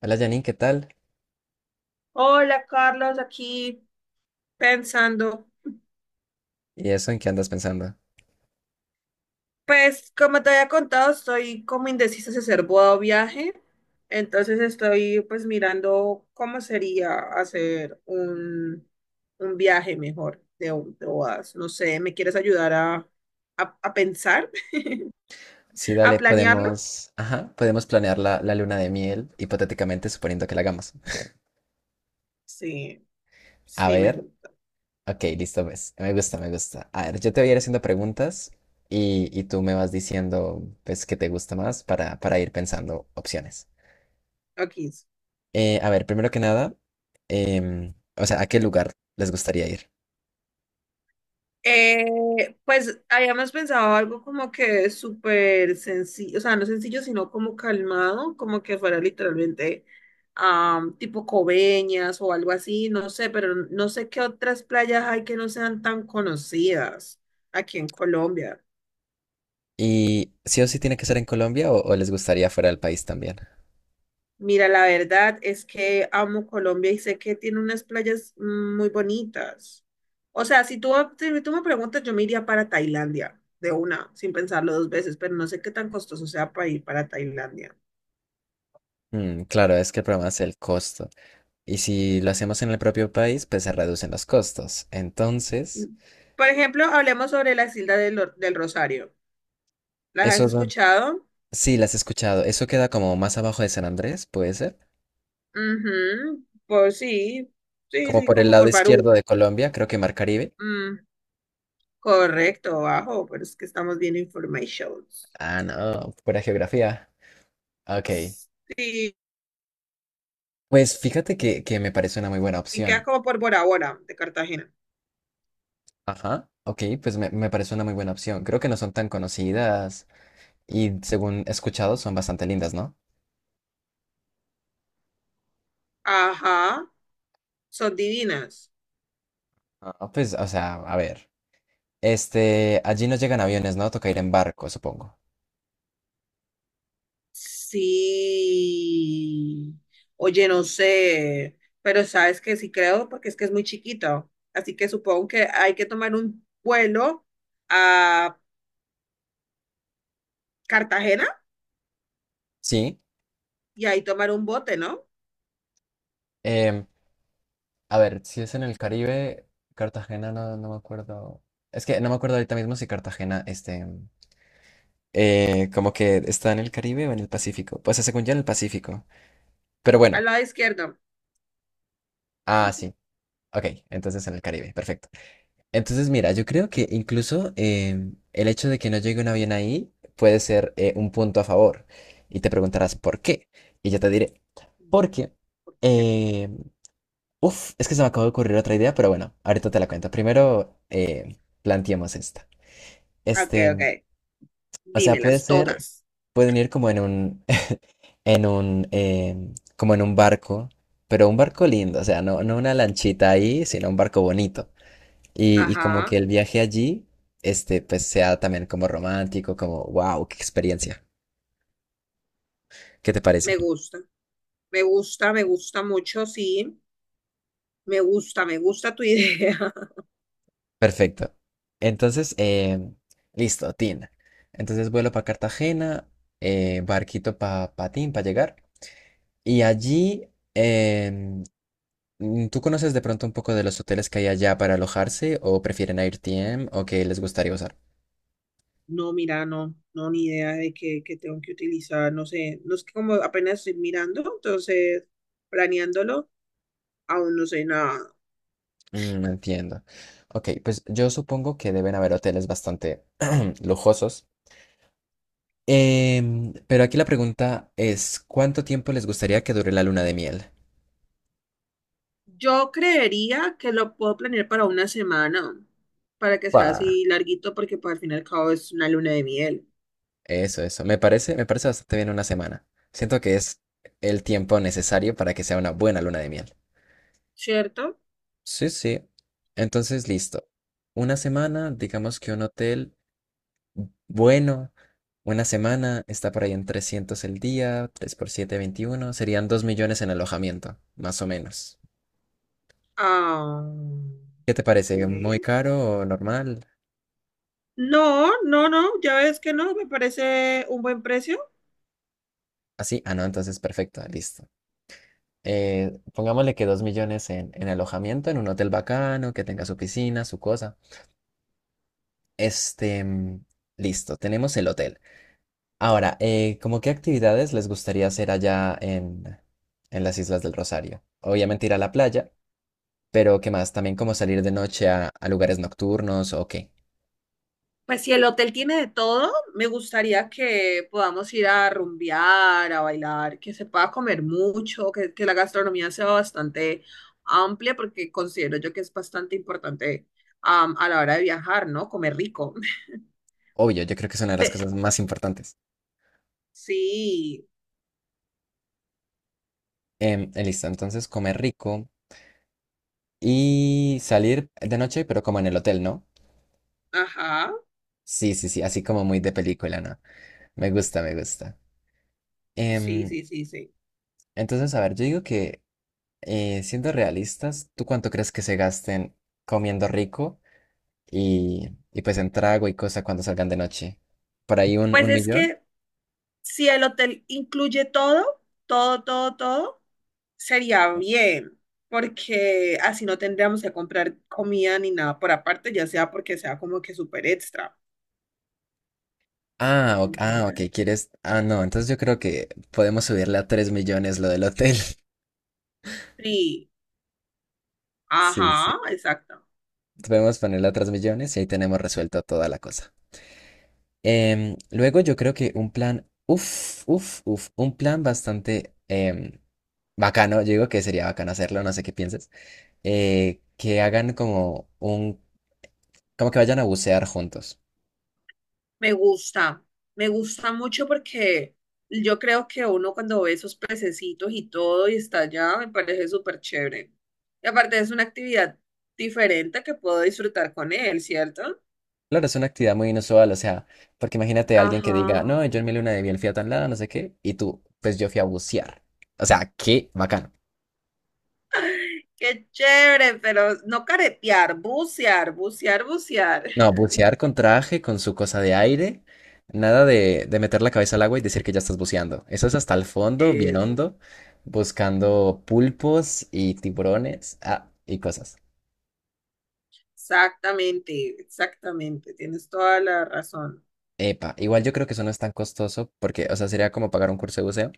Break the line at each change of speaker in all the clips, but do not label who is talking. Hola Janine, ¿qué tal?
Hola Carlos, aquí pensando.
¿Y eso en qué andas pensando?
Pues como te había contado, estoy como indecisa si hacer boda o viaje. Entonces estoy pues mirando cómo sería hacer un viaje mejor de, de bodas. No sé, ¿me quieres ayudar a, a pensar,
Sí,
a
dale,
planearlo?
podemos, ajá, podemos planear la luna de miel, hipotéticamente suponiendo que la hagamos.
Sí,
A
sí, me
ver,
gusta.
ok, listo, pues. Me gusta, me gusta. A ver, yo te voy a ir haciendo preguntas y tú me vas diciendo, pues, qué te gusta más para ir pensando opciones.
Aquí.
A ver, primero que nada, o sea, ¿a qué lugar les gustaría ir?
Pues habíamos pensado algo como que súper sencillo, o sea, no sencillo, sino como calmado, como que fuera literalmente tipo Coveñas o algo así, no sé, pero no sé qué otras playas hay que no sean tan conocidas aquí en Colombia.
¿Y sí o sí tiene que ser en Colombia o les gustaría fuera del país también?
Mira, la verdad es que amo Colombia y sé que tiene unas playas muy bonitas. O sea, si tú me preguntas, yo me iría para Tailandia de una, sin pensarlo dos veces, pero no sé qué tan costoso sea para ir para Tailandia.
Mm, claro, es que el problema es el costo. Y si lo hacemos en el propio país, pues se reducen los costos. Entonces,
Por ejemplo, hablemos sobre las Islas del Rosario. ¿Las
eso
has
es
escuchado?
sí, las he escuchado. Eso queda como más abajo de San Andrés, puede ser.
Ujú. Por Sí, sí,
Como
sí,
por el
como
lado
por
izquierdo
Barú.
de Colombia, creo que Mar Caribe.
Mm, correcto, bajo, pero es que estamos bien informations.
Ah, no, pura geografía. Ok.
Sí,
Pues fíjate que me parece una muy buena
y quedas
opción.
como por Bora Bora, de Cartagena.
Ajá. Ok, pues me parece una muy buena opción. Creo que no son tan conocidas y según he escuchado son bastante lindas, ¿no?
Ajá, son divinas.
Ah, pues, o sea, a ver. Este, allí no llegan aviones, ¿no? Toca ir en barco, supongo.
Sí. Oye, no sé, pero sabes que sí creo porque es que es muy chiquito. Así que supongo que hay que tomar un vuelo a Cartagena
Sí.
y ahí tomar un bote, ¿no?
Em, a ver, si es en el Caribe, Cartagena no, no me acuerdo. Es que no me acuerdo ahorita mismo si Cartagena, este, como que está en el Caribe o en el Pacífico. Pues según yo en el Pacífico. Pero bueno,
Al lado izquierdo.
ah, sí. Ok, entonces en el Caribe, perfecto. Entonces, mira, yo creo que incluso el hecho de que no llegue un avión ahí puede ser un punto a favor. Y te preguntarás por qué. Y yo te diré, porque
Ok,
qué? Uf, es que se me acaba de ocurrir otra idea, pero bueno, ahorita te la cuento. Primero, planteemos esta.
ok,
Este,
ok.
o sea, puede
Dímelas
ser,
todas.
pueden ir como en un, eh, como en un barco, pero un barco lindo, o sea, no, no una lanchita ahí, sino un barco bonito. Y como que
Ajá,
el viaje allí, este, pues sea también como romántico, como, wow, qué experiencia. ¿Qué te parece?
me gusta. Me gusta, me gusta mucho, sí. Me gusta tu idea.
Perfecto. Entonces, listo, Tin. Entonces vuelo para Cartagena, barquito para Patín para llegar. Y allí, em, ¿tú conoces de pronto un poco de los hoteles que hay allá para alojarse o prefieren AirTM o qué les gustaría usar?
No, mira, no, no, ni idea de qué tengo que utilizar, no sé, no es que como apenas estoy mirando, entonces planeándolo, aún no sé nada.
Mm, entiendo. Ok, pues yo supongo que deben haber hoteles bastante lujosos. Pero aquí la pregunta es, ¿cuánto tiempo les gustaría que dure la luna de miel?
Yo creería que lo puedo planear para una semana, para que sea
Pa.
así larguito, porque pues, al fin y al cabo es una luna de miel,
Eso, eso. Me parece bastante bien una semana. Siento que es el tiempo necesario para que sea una buena luna de miel.
¿cierto?
Sí, sí. Entonces, listo. Una semana, digamos que un hotel bueno, una semana está por ahí en 300 el día, 3 por 7 21 serían 2.000.000 en alojamiento, más o menos.
Ah,
¿Qué te parece? ¿Muy
bien.
caro o normal?
No, no, no, ya ves que no, me parece un buen precio.
Así, ah, no, entonces perfecto, listo. Pongámosle que 2.000.000 en alojamiento, en un hotel bacano, que tenga su piscina, su cosa. Este, mm, listo, tenemos el hotel. Ahora, ¿cómo qué actividades les gustaría hacer allá en las Islas del Rosario? Obviamente ir a la playa, pero ¿qué más? También como salir de noche a lugares nocturnos o qué.
Pues si el hotel tiene de todo, me gustaría que podamos ir a rumbear, a bailar, que se pueda comer mucho, que la gastronomía sea bastante amplia, porque considero yo que es bastante importante a la hora de viajar, ¿no? Comer rico.
Obvio, yo creo que es una de las
Pe-
cosas más importantes.
sí,
Listo, entonces comer rico y salir de noche, pero como en el hotel, ¿no?
ajá,
Sí, sí, sí, así como muy de película, ¿no? Me gusta, me gusta.
sí,
Em,
sí, sí, sí.
entonces, a ver, yo digo que siendo realistas, ¿tú cuánto crees que se gasten comiendo rico y pues en trago y cosa cuando salgan de noche? ¿Por ahí un,
Pues
un
es
millón?
que si el hotel incluye todo, todo, todo, todo. Sería bien, porque así no tendríamos que comprar comida ni nada por aparte, ya sea porque sea como que súper extra,
Ah, ok, ah, ok,
¿entiendes?
¿quieres? Ah, no, entonces yo creo que podemos subirle a 3.000.000 lo del hotel.
Sí,
Sí, sí.
ajá, exacto.
Podemos ponerle a 3.000.000 y ahí tenemos resuelto toda la cosa. Luego yo creo que un plan, uff, uff, uff, un plan bastante bacano, yo digo que sería bacano hacerlo, no sé qué pienses, que hagan como un como que vayan a bucear juntos.
Me gusta, me gusta mucho porque yo creo que uno cuando ve esos pececitos y todo y está allá, me parece súper chévere. Y aparte es una actividad diferente que puedo disfrutar con él, ¿cierto?
Claro, es una actividad muy inusual, o sea, porque imagínate a alguien
Ajá.
que diga, no, yo en mi luna de miel fui a tan lado, no sé qué, y tú, pues yo fui a bucear. O sea, qué bacano.
Qué chévere, pero no caretear, bucear, bucear, bucear.
No, bucear con traje, con su cosa de aire, nada de, de meter la cabeza al agua y decir que ya estás buceando. Eso es hasta el fondo, bien hondo, buscando pulpos y tiburones, ah, y cosas.
Exactamente, exactamente, tienes toda la razón.
Epa, igual yo creo que eso no es tan costoso, porque, o sea, sería como pagar un curso de buceo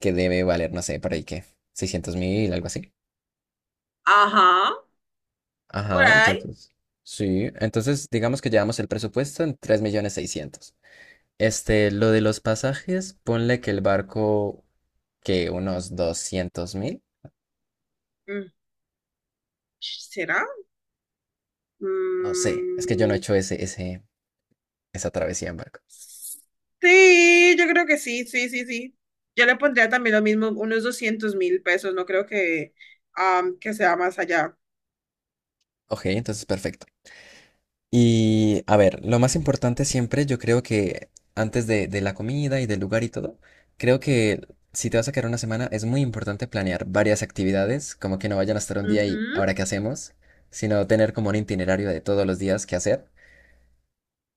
que debe valer, no sé, por ahí que 600.000, algo así.
Ajá, por
Ajá,
ahí.
entonces. Sí, entonces digamos que llevamos el presupuesto en 3.600.000. Este, lo de los pasajes, ponle que el barco, que unos 200.000
Mm. ¿Será?
No sé, es que yo no he
Mm,
hecho esa travesía en barco.
sí, yo creo que sí, sí, sí, sí. Yo le pondría también lo mismo, unos 200.000 pesos, no creo que, que sea más allá.
Ok, entonces perfecto. Y a ver, lo más importante siempre, yo creo que antes de la comida y del lugar y todo, creo que si te vas a quedar una semana es muy importante planear varias actividades, como que no vayan a estar un día y
Ujú,
ahora qué hacemos, sino tener como un itinerario de todos los días qué hacer.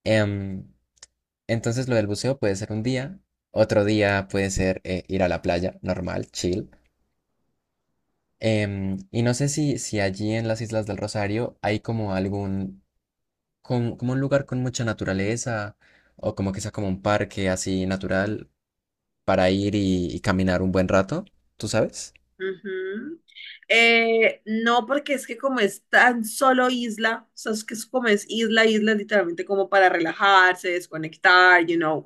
Em, entonces lo del buceo puede ser un día, otro día puede ser ir a la playa, normal, chill. Y no sé si allí en las Islas del Rosario hay como algún como un lugar con mucha naturaleza o como que sea como un parque así natural para ir y caminar un buen rato, ¿tú sabes?
ujú. No, porque es que como es tan solo isla, o sea, es que es como es isla, isla, literalmente como para relajarse, desconectar,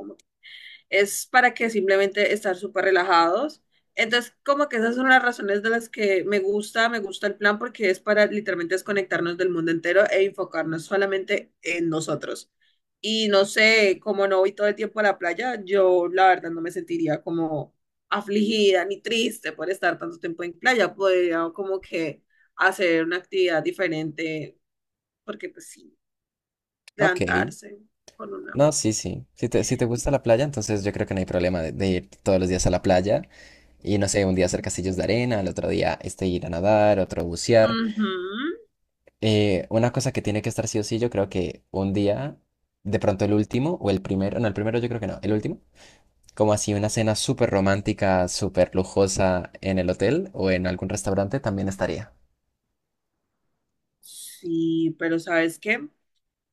es para que simplemente estar súper relajados. Entonces, como que esas son las razones de las que me gusta el plan porque es para literalmente desconectarnos del mundo entero e enfocarnos solamente en nosotros. Y no sé, como no voy todo el tiempo a la playa, yo la verdad no me sentiría como afligida ni triste por estar tanto tiempo en playa. Podría como que hacer una actividad diferente, porque pues sí,
Ok,
levantarse con una.
no, sí, sí. Si te gusta la playa, entonces yo creo que no hay problema de ir todos los días a la playa y no sé, un día hacer castillos de arena, el otro día este ir a nadar, otro bucear.
Ujú.
Una cosa que tiene que estar sí o sí, yo creo que un día, de pronto el último o el primero, no, el primero yo creo que no, el último como así una cena súper romántica, súper lujosa en el hotel o en algún restaurante también estaría.
Sí, pero ¿sabes qué?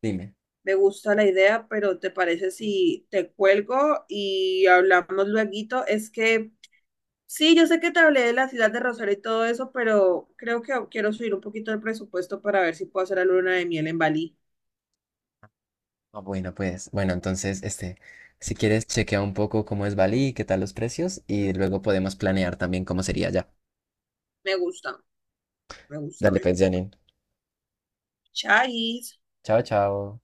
Dime.
Me gusta la idea, pero ¿te parece si te cuelgo y hablamos lueguito? Es que sí, yo sé que te hablé de la ciudad de Rosario y todo eso, pero creo que quiero subir un poquito el presupuesto para ver si puedo hacer la luna de miel en Bali.
Ah, bueno, pues, bueno, entonces, este, si quieres, chequea un poco cómo es Bali, qué tal los precios y
Mm,
luego podemos planear también cómo sería ya.
me gusta, me gusta,
Dale,
me
pues,
gusta.
Janine.
Chais.
Chao, chao.